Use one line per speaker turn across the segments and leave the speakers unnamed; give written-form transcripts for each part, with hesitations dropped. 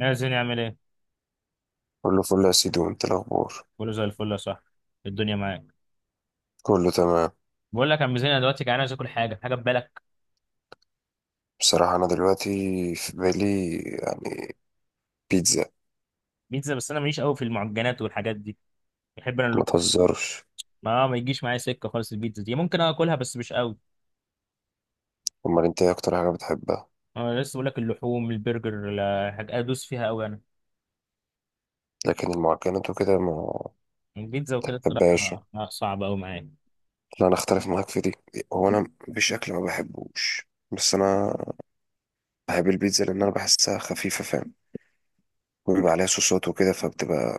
يا زين يعمل ايه؟
كله فل يا سيدي، وانت الاخبار؟
كله زي الفل يا صاحبي، الدنيا معاك.
كله تمام.
بقول لك يا عم زين، انا دلوقتي جعان عايز اكل حاجه، حاجه في بالك؟
بصراحة انا دلوقتي في بالي بيتزا.
بيتزا؟ بس انا ماليش قوي في المعجنات والحاجات دي، بحب انا
ما
اللحوم.
تهزرش.
ما يجيش معايا سكه خالص، البيتزا دي ممكن اكلها بس مش قوي.
امال انت ايه اكتر حاجة بتحبها؟
انا لسه بقول لك، اللحوم، البرجر، لا، حاجه ادوس فيها قوي انا.
لكن المعجنات وكده ما
البيتزا وكده
بحبهاش.
الصراحه صعبه قوي معايا.
لا، انا اختلف معاك في دي. هو انا مفيش اكل ما بحبوش، بس انا بحب البيتزا لان انا بحسها خفيفة، فاهم، وبيبقى عليها صوصات وكده فبتبقى.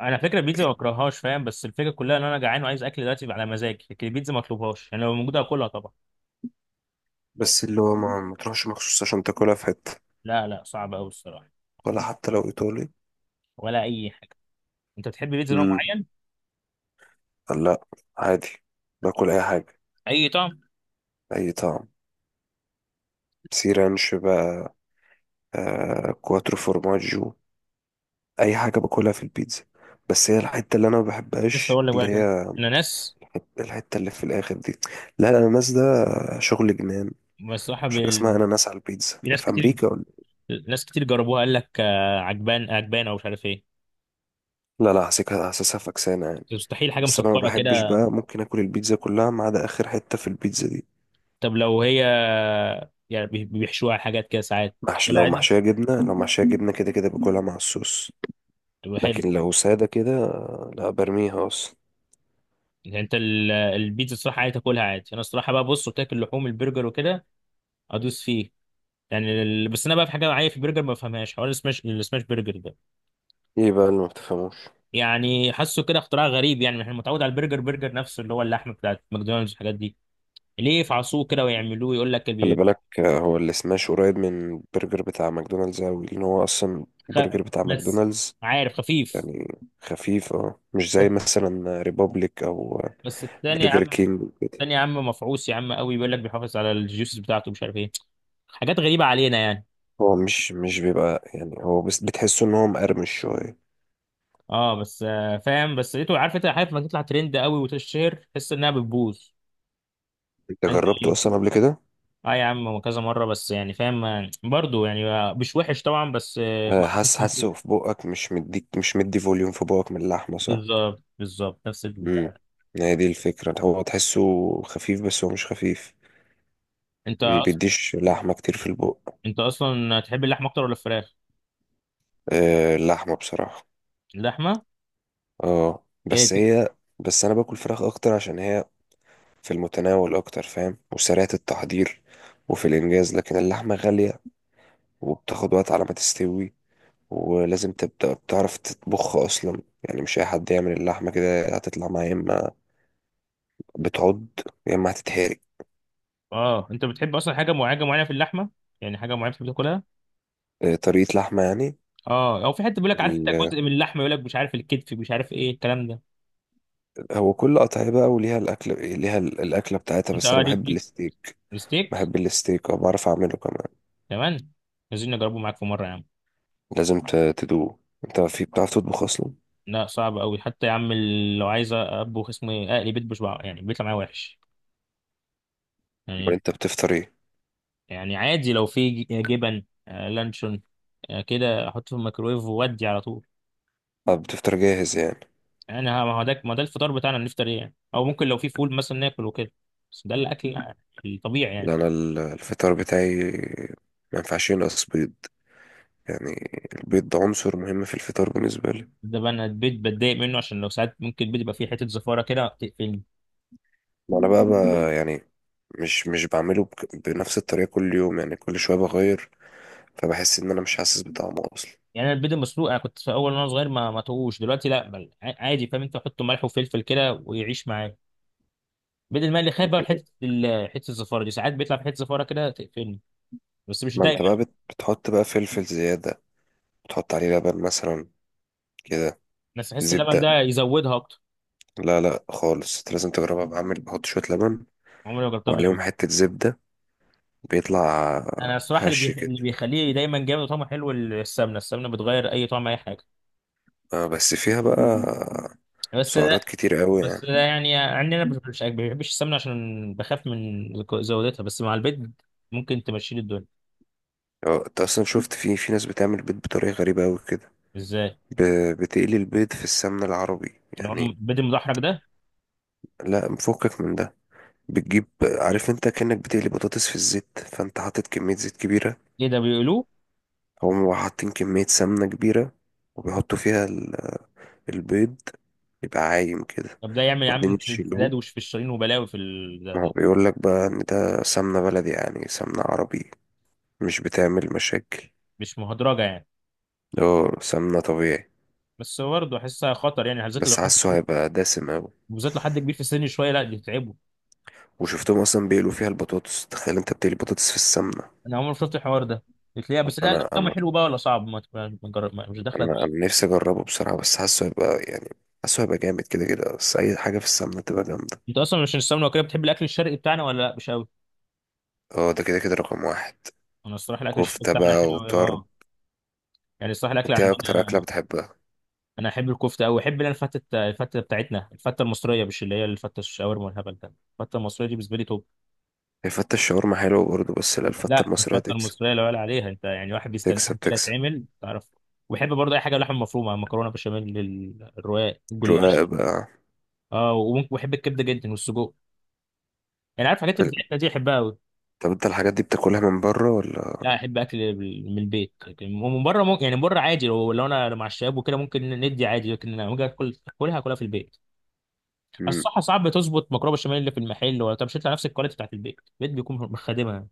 انا فكره البيتزا ما بكرههاش فاهم، بس الفكره كلها ان انا جعان وعايز اكل دلوقتي على مزاجي، لكن البيتزا ما اطلبهاش يعني، لو موجوده اكلها طبعا.
بس اللي هو ما تروحش مخصوص عشان تاكلها في حتة،
لا لا، صعبه قوي الصراحه.
ولا حتى لو ايطالي.
ولا اي حاجه. انت بتحب بيتزا نوع
امم
معين؟
لا، عادي، باكل اي حاجة.
اي طعم.
اي طعم، سي رانش بقى، كواترو فورماجو، اي حاجه باكلها في البيتزا. بس هي الحته اللي انا ما
لسه
بحبهاش
اقول لك
اللي
بقى، بتاعت
هي
الاناناس.
الحته اللي في الاخر دي. لا، الاناناس ده شغل جنان.
بصراحه
مش حاجه اسمها
بال...
اناناس على البيتزا، لا
ناس
في
كتير،
امريكا ولا.
ناس كتير جربوها، قال لك آه، عجبان عجبان، او مش عارف ايه.
لا لا، حاسسها حاسسها فكسانه يعني.
مستحيل حاجه
بس انا ما
مسكره
بحبش
كده.
بقى، ممكن اكل البيتزا كلها ما عدا اخر حته في البيتزا دي.
طب لو هي يعني بيحشوها حاجات كده ساعات
محش،
تاكلها
لو
عادي،
محشيه جبنه لو محشيه جبنه كده كده باكلها مع الصوص.
تبقى حلو.
لكن لو ساده كده، لا، برميها اصلا.
يعني انت البيتزا الصراحه عادي تاكلها عادي، انا الصراحه بقى بص قلت لك، اللحوم البرجر وكده ادوس فيه. يعني بس انا بقى في حاجه معايا في البرجر ما بفهمهاش، حوار السماش، السماش برجر ده.
ايه بقى اللي ما بتفهموش؟
يعني حاسه كده اختراع غريب، يعني احنا متعود على البرجر، برجر نفسه اللي هو اللحمه بتاعت ماكدونالدز والحاجات دي. ليه يفعصوه كده ويعملوه، يقول لك
خلي بالك، هو السماش قريب من البرجر بتاع ماكدونالدز أوي، لأن هو أصلا
خ-
البرجر بتاع
بس،
ماكدونالدز،
عارف، خفيف.
يعني خفيف. اه، مش زي
بس
مثلا ريبوبليك أو
بس التاني يا
برجر
عم،
كينج وكده.
التاني يا عم مفعوص يا عم قوي، بيقول لك بيحافظ على الجيوسز بتاعته، مش عارف ايه، حاجات غريبة علينا يعني.
هو مش بيبقى، يعني هو بس بتحسه إن هو مقرمش شوية.
اه، بس فاهم، بس لقيته، عارف انت، عارف لما تطلع ترند قوي وتشهر تحس انها بتبوظ.
أنت
انت
جربته
ايه؟
أصلا قبل كده؟
اه يا عم، هو كذا مرة، بس يعني فاهم برضه، يعني مش وحش طبعا، بس ما
حاسس
كنتوش.
حاسه في بقك، مش مدي فوليوم في بقك من اللحمة، صح؟
بالظبط بالظبط، نفس البتاع
امم
ده.
هي دي الفكرة، هو تحسه خفيف بس هو مش خفيف،
انت
ما
أص-
بيديش لحمة كتير في البق.
انت اصلا تحب اللحمة اكتر ولا الفراخ؟
اللحمة بصراحة.
اللحمة،
اه
ايه،
بس هي، بس انا باكل فراخ اكتر عشان هي في المتناول اكتر، فاهم، وسريعة التحضير وفي الانجاز، لكن اللحمة غالية وبتاخد وقت على ما تستوي، ولازم تبدأ بتعرف تطبخ اصلا. يعني مش اي حد يعمل اللحمة كده هتطلع معاه، يا اما بتعض يا اما هتتهري.
اه. انت بتحب اصلا حاجه معينه حاجة معينة في اللحمه؟ يعني حاجه معينه بتحب تاكلها.
طريقة لحمة يعني.
اه، او في حته بيقول لك، عارف انت،
ال-
جزء من اللحمه يقول لك، مش عارف الكتف، مش عارف ايه الكلام ده.
هو كل قطعية بقى وليها الاكل، ليها الاكلة بتاعتها.
انت،
بس
اه،
انا
ليك
بحب
ليك
الستيك،
ستيك،
بحب الستيك وبعرف اعمله كمان.
كمان. عايزين نجربه معاك في مره يا عم.
لازم تدوقه. انت في بتعرف تطبخ اصلا؟
لا صعب قوي حتى يا عم، لو عايز اطبخ اسمه ايه اقلي بيت بشبع، يعني بيطلع معايا وحش
امال
يعني.
انت بتفطر ايه؟
يعني عادي، لو في جبن، لانشون، كده احطه في الميكرويف وودي على طول.
اه بتفطر جاهز يعني.
يعني، ما هو ده، ما ده الفطار بتاعنا، نفطر ايه يعني؟ او ممكن لو في فول مثلا ناكل وكده. بس ده الاكل الطبيعي
لا،
يعني.
انا الفطار بتاعي ما ينفعش ينقص بيض. يعني البيض ده عنصر مهم في الفطار بالنسبه لي.
ده بقى، انا البيض بتضايق منه عشان لو ساعات ممكن البيض يبقى فيه حته زفاره كده تقفلني.
ما انا بقى، يعني مش بعمله بنفس الطريقه كل يوم. يعني كل شويه بغير، فبحس ان انا مش حاسس بطعمه اصلا.
يعني انا البيض المسلوق، انا كنت في اول وانا صغير ما توهوش، دلوقتي لا بل عادي، فاهم انت، حط ملح وفلفل كده ويعيش معاك. البيض المقلي خايف بقى من حته حته الزفاره دي، ساعات بيطلع في حته زفاره كده تقفلني، بس مش
ما
دايما.
انت بقى بتحط بقى فلفل زياده، بتحط عليه لبن مثلا كده،
بس بحس اللبن
زبده.
ده يزودها اكتر.
لا لا خالص، انت لازم تجربها، بعمل بحط شويه لبن
عمري ما جربتها
وعليهم
بلبن.
حته زبده، بيطلع
انا الصراحه،
هش كده.
اللي بيخليه دايما جامد وطعمه حلو، السمنه، السمنه بتغير اي طعم، اي حاجه.
اه بس فيها بقى
بس
سعرات كتير قوي
بس ده،
يعني.
يعني عندنا مش ما بحبش السمنة عشان بخاف من زودتها، بس مع البيض ممكن تمشي لي الدنيا.
اه، انت اصلا شفت، في ناس بتعمل بيض بطريقه غريبه قوي كده؟
ازاي؟
ب... بتقلي البيض في السمنه العربي
اللي هو
يعني.
البيض المدحرج ده؟
لا، مفكك من ده. بتجيب، عارف انت، كأنك بتقلي بطاطس في الزيت، فانت حاطط كميه زيت كبيره.
ايه ده بيقولوه؟
هم حاطين كميه سمنه كبيره وبيحطوا فيها البيض، يبقى عايم كده
طب ده يعمل يا
وبعدين
عم
يشيلوه.
انسداد وشفشرين وبلاوي في ده
ما هو
ده.
بيقول لك بقى ان ده سمنه بلدي، يعني سمنه عربي، مش بتعمل مشاكل.
مش مهدرجة يعني؟
اه سمنه طبيعي.
بس برضه احسها خطر يعني، بالذات لو
بس
حد
حاسه
كبير،
هيبقى دسم أوي.
بالذات لو حد كبير في السن شوية، لا دي تتعبه.
وشفتهم أصلا بيقلوا فيها البطاطس. تخيل أنت بتقلي بطاطس في السمنة.
انا عمري ما شفت الحوار ده. بتلاقيها، بس لا
أنا
الاكل
أنا
حلو بقى ولا صعب، ما تجرب، مش داخله.
أنا نفسي أجربه بصراحة، بس حاسه هيبقى يعني، حاسه هيبقى جامد كده كده. بس أي حاجة في السمنة تبقى جامدة.
انت اصلا عشان السمنه وكده بتحب الاكل الشرقي بتاعنا ولا لا مش قوي؟
اه ده كده كده رقم واحد.
انا الصراحه الاكل الشرقي
كفتة
بتاعنا
بقى
حلو أوي،
وطرب.
اه. يعني الصراحه الاكل
أنت إيه أكتر أكلة
عندنا.
بتحبها؟
انا احب الكفته قوي، احب اللي انا الفته بتاعتنا، الفته المصريه، مش اللي هي الفته الشاورما والهبل ده. الفته المصريه دي بالنسبه لي توب.
الفتة الشاورما حلوة برضه، بس لا، الفتة
لا
المصرية
الفته
تكسب،
المصريه لا يعلى عليها، انت يعني واحد بيستناها
تكسب
كده،
تكسب.
تعمل، تعرف. وبحب برضه اي حاجه لحم مفرومه، مكرونه بشاميل، الرقاق، الجلاش.
رقاق بقى.
اه، وممكن بحب الكبده جدا والسجق، يعني عارف الحاجات اللي بتاعتنا دي، احبها قوي.
طب أنت الحاجات دي بتاكلها من بره ولا؟
لا، احب اكل من البيت، لكن من بره ممكن يعني، من بره عادي، لو انا مع الشباب وكده ممكن ندي عادي، لكن لما اجي اكل، اكلها في البيت.
مم.
الصحة ساعات بتظبط مكرونة بشاميل اللي في المحل ولا، طب مش هيطلع نفس الكواليتي بتاعت البيت، البيت بيكون مخدمها.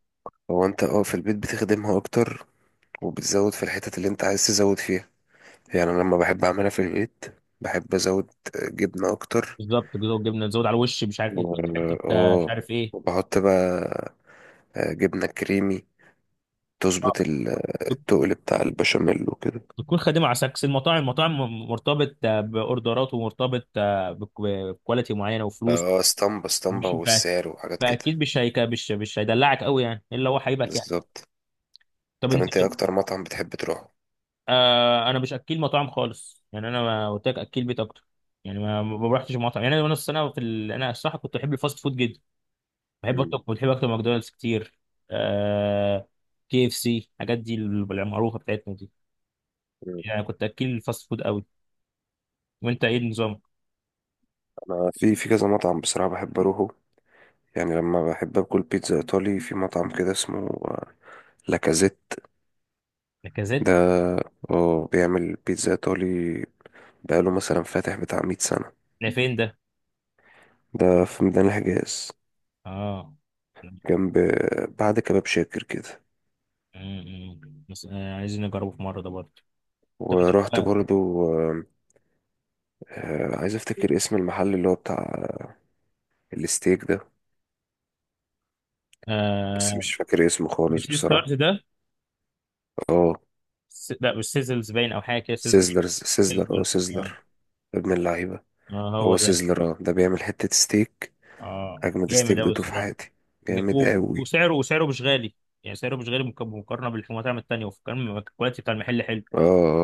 هو أنت اه في البيت بتخدمها أكتر، وبتزود في الحتت اللي أنت عايز تزود فيها. يعني أنا لما بحب أعملها في البيت، بحب أزود جبنة أكتر،
بالظبط كده، والجبنة تزود على الوش، مش عارف ايه، حتة مش
اه،
عارف ايه.
وبحط بقى جبنة كريمي،
آه،
تظبط
بت-
التقل بتاع البشاميل وكده.
بتكون خادمة على سكس. المطاعم مرتبط بأوردرات، ومرتبط بكواليتي معينة وفلوس.
اه، اسطمبة اسطمبة
مش فا-
والسعر وحاجات كده.
فأكيد مش هيك، مش هيدلعك قوي يعني، إلا هو هيبقى يعني.
بالظبط.
طب
طب
أنت
انت ايه
كده.
اكتر مطعم بتحب تروحه؟
آه، أنا مش أكيل مطاعم خالص، يعني أنا ما قلت لك، أكيل بيت أكتر. يعني ما رحتش مطعم، يعني أنا السنة في أنا الصراحة كنت أحب الفاست فود جدا. بحب
مم.
اكتب بحب اكتب ماكدونالدز كتير. آه... KFC، الحاجات دي المعروفه بتاعتنا دي.
مم.
يعني كنت اكل الفاست فود قوي. وانت ايه النظام؟
انا في كذا مطعم بصراحة بحب اروحه. يعني لما بحب اكل بيتزا ايطالي، في مطعم كده اسمه لاكازيت
لاكازيت؟
ده. اه بيعمل بيتزا ايطالي. بقاله مثلا فاتح بتاع 100 سنة.
ده فين ده؟
ده في ميدان الحجاز،
اه.
جنب، بعد كباب شاكر كده.
أمم. بس عايزين نجربه في مره ده برضه. طب انت،
ورحت
بقى،
برضو. آه، عايز افتكر اسم المحل اللي هو بتاع الستيك ده. بس
آه...
مش فاكر اسمه خالص
مش ستارت
بصراحة.
ده؟
اه
لا مش سيزلز، باين او حاجه كده، سيزلز،
سيزلر، سيزلر،
سيزلز، اه.
سيزلر، ابن اللعيبة،
اه، هو
هو
ده.
سيزلر. اه ده بيعمل حتة ستيك.
اه
اجمد
جامد
ستيك
قوي
دوته في
الصراحه.
حياتي، جامد
و-
قوي.
وسعره مش غالي، يعني سعره مش غالي مقارنه بالمطاعم التانيه، وكان الكواليتي بتاع المحل حلو.
اه،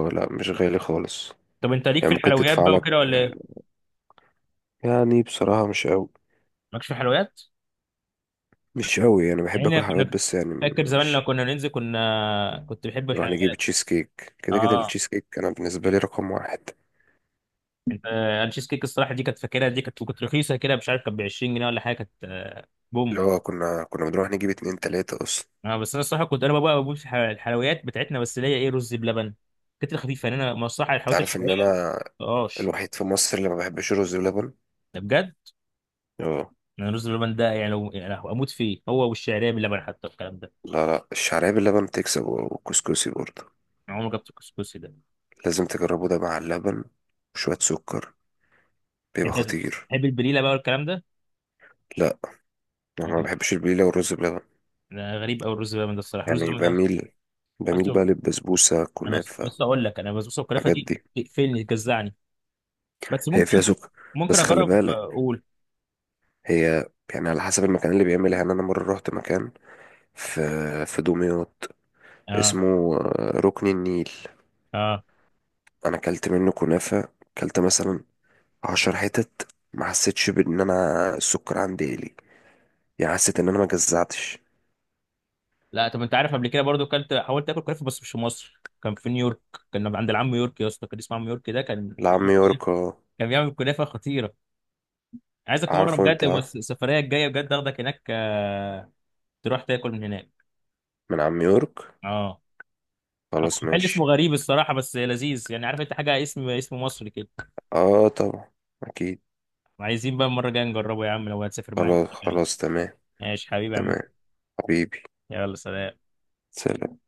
لا مش غالي خالص.
طب انت ليك
يعني
في
ممكن
الحلويات
تدفع
بقى
لك،
وكده ولا ايه؟
يعني بصراحة مش قوي،
مالكش في الحلويات.
مش قوي. يعني
يعني
بحب
انا
اكل حلويات
كنا
بس يعني
فاكر زمان، لما
مش،
كنا ننزل كنت بحب
نروح نجيب
الحلويات.
تشيز كيك كده كده.
اه،
التشيز كيك انا بالنسبه لي رقم واحد.
انا تشيز كيك الصراحه دي كانت فاكرها، دي كانت رخيصه كده، مش عارف كانت ب 20 جنيه ولا حاجه، كانت بوم.
اللي هو كنا بنروح نجيب اتنين تلاته اصلا.
اه، بس انا الصراحه كنت، انا بقى بموت في الحلويات بتاعتنا، بس اللي هي ايه، رز بلبن. كانت خفيفه يعني، انا الصراحه
انت
الحلويات
عارف ان
الشرقيه
انا
مبقاش.
الوحيد في مصر اللي ما بحبش رز بلبن.
ده بجد؟
اه.
انا الرز بلبن ده يعني لو، يعني اموت فيه، هو والشعريه باللبن حتى، الكلام ده.
لا لا، الشعريه باللبن تكسب، والكسكسي برضه.
انا عمري ما جبت الكسكسي ده.
لازم تجربه ده مع اللبن وشويه سكر، بيبقى
انت
خطير.
تحب البليله بقى والكلام ده؟
لا انا ما بحبش البليله والرز بلبن.
أنا غريب قوي، الرز بلبن ده الصراحه، الرز
يعني
بلبن ده.
بميل، بقى
اصل
للبسبوسه
انا
كنافه،
لسه اقول لك، انا البسبوسه والكنافه
الحاجات
دي
دي.
تقفلني، تجزعني. بس
هي فيها
ممكن،
سكر.
ممكن
بس خلي
اجرب،
بالك،
اقول
هي يعني على حسب المكان اللي بيعملها. يعني انا مره رحت مكان في دمياط
اه.
اسمه ركن النيل،
اه.
انا اكلت منه كنافه. اكلت مثلا 10 حتت، ما حسيتش بان انا السكر عندي قلي يعني. حسيت ان انا ما جزعتش.
لا. طب انت عارف، قبل كده برضو حاولت اكل كنافه، بس مش في مصر، كان في نيويورك. كان عند العم يورك يا اسطى، كان اسمه عم يورك ده،
لعم يورك، اه.
كان بيعمل كنافه خطيره. عايزك في مره
عارفه
بجد،
انت آه؟
بس السفريه الجايه بجد اخدك هناك تروح تاكل من هناك.
من عم يورك.
اه.
خلاص
محل اسمه
ماشي.
غريب الصراحه بس لذيذ، يعني عارف انت، حاجه اسم مصري كده.
اه طبعا. اكيد.
عايزين بقى المرة الجاية نجربه يا عم، لو هتسافر معايا المرة
خلاص
الجاية.
خلاص تمام.
ماشي حبيبي يا عم.
تمام حبيبي.
يلا سلام.
سلام.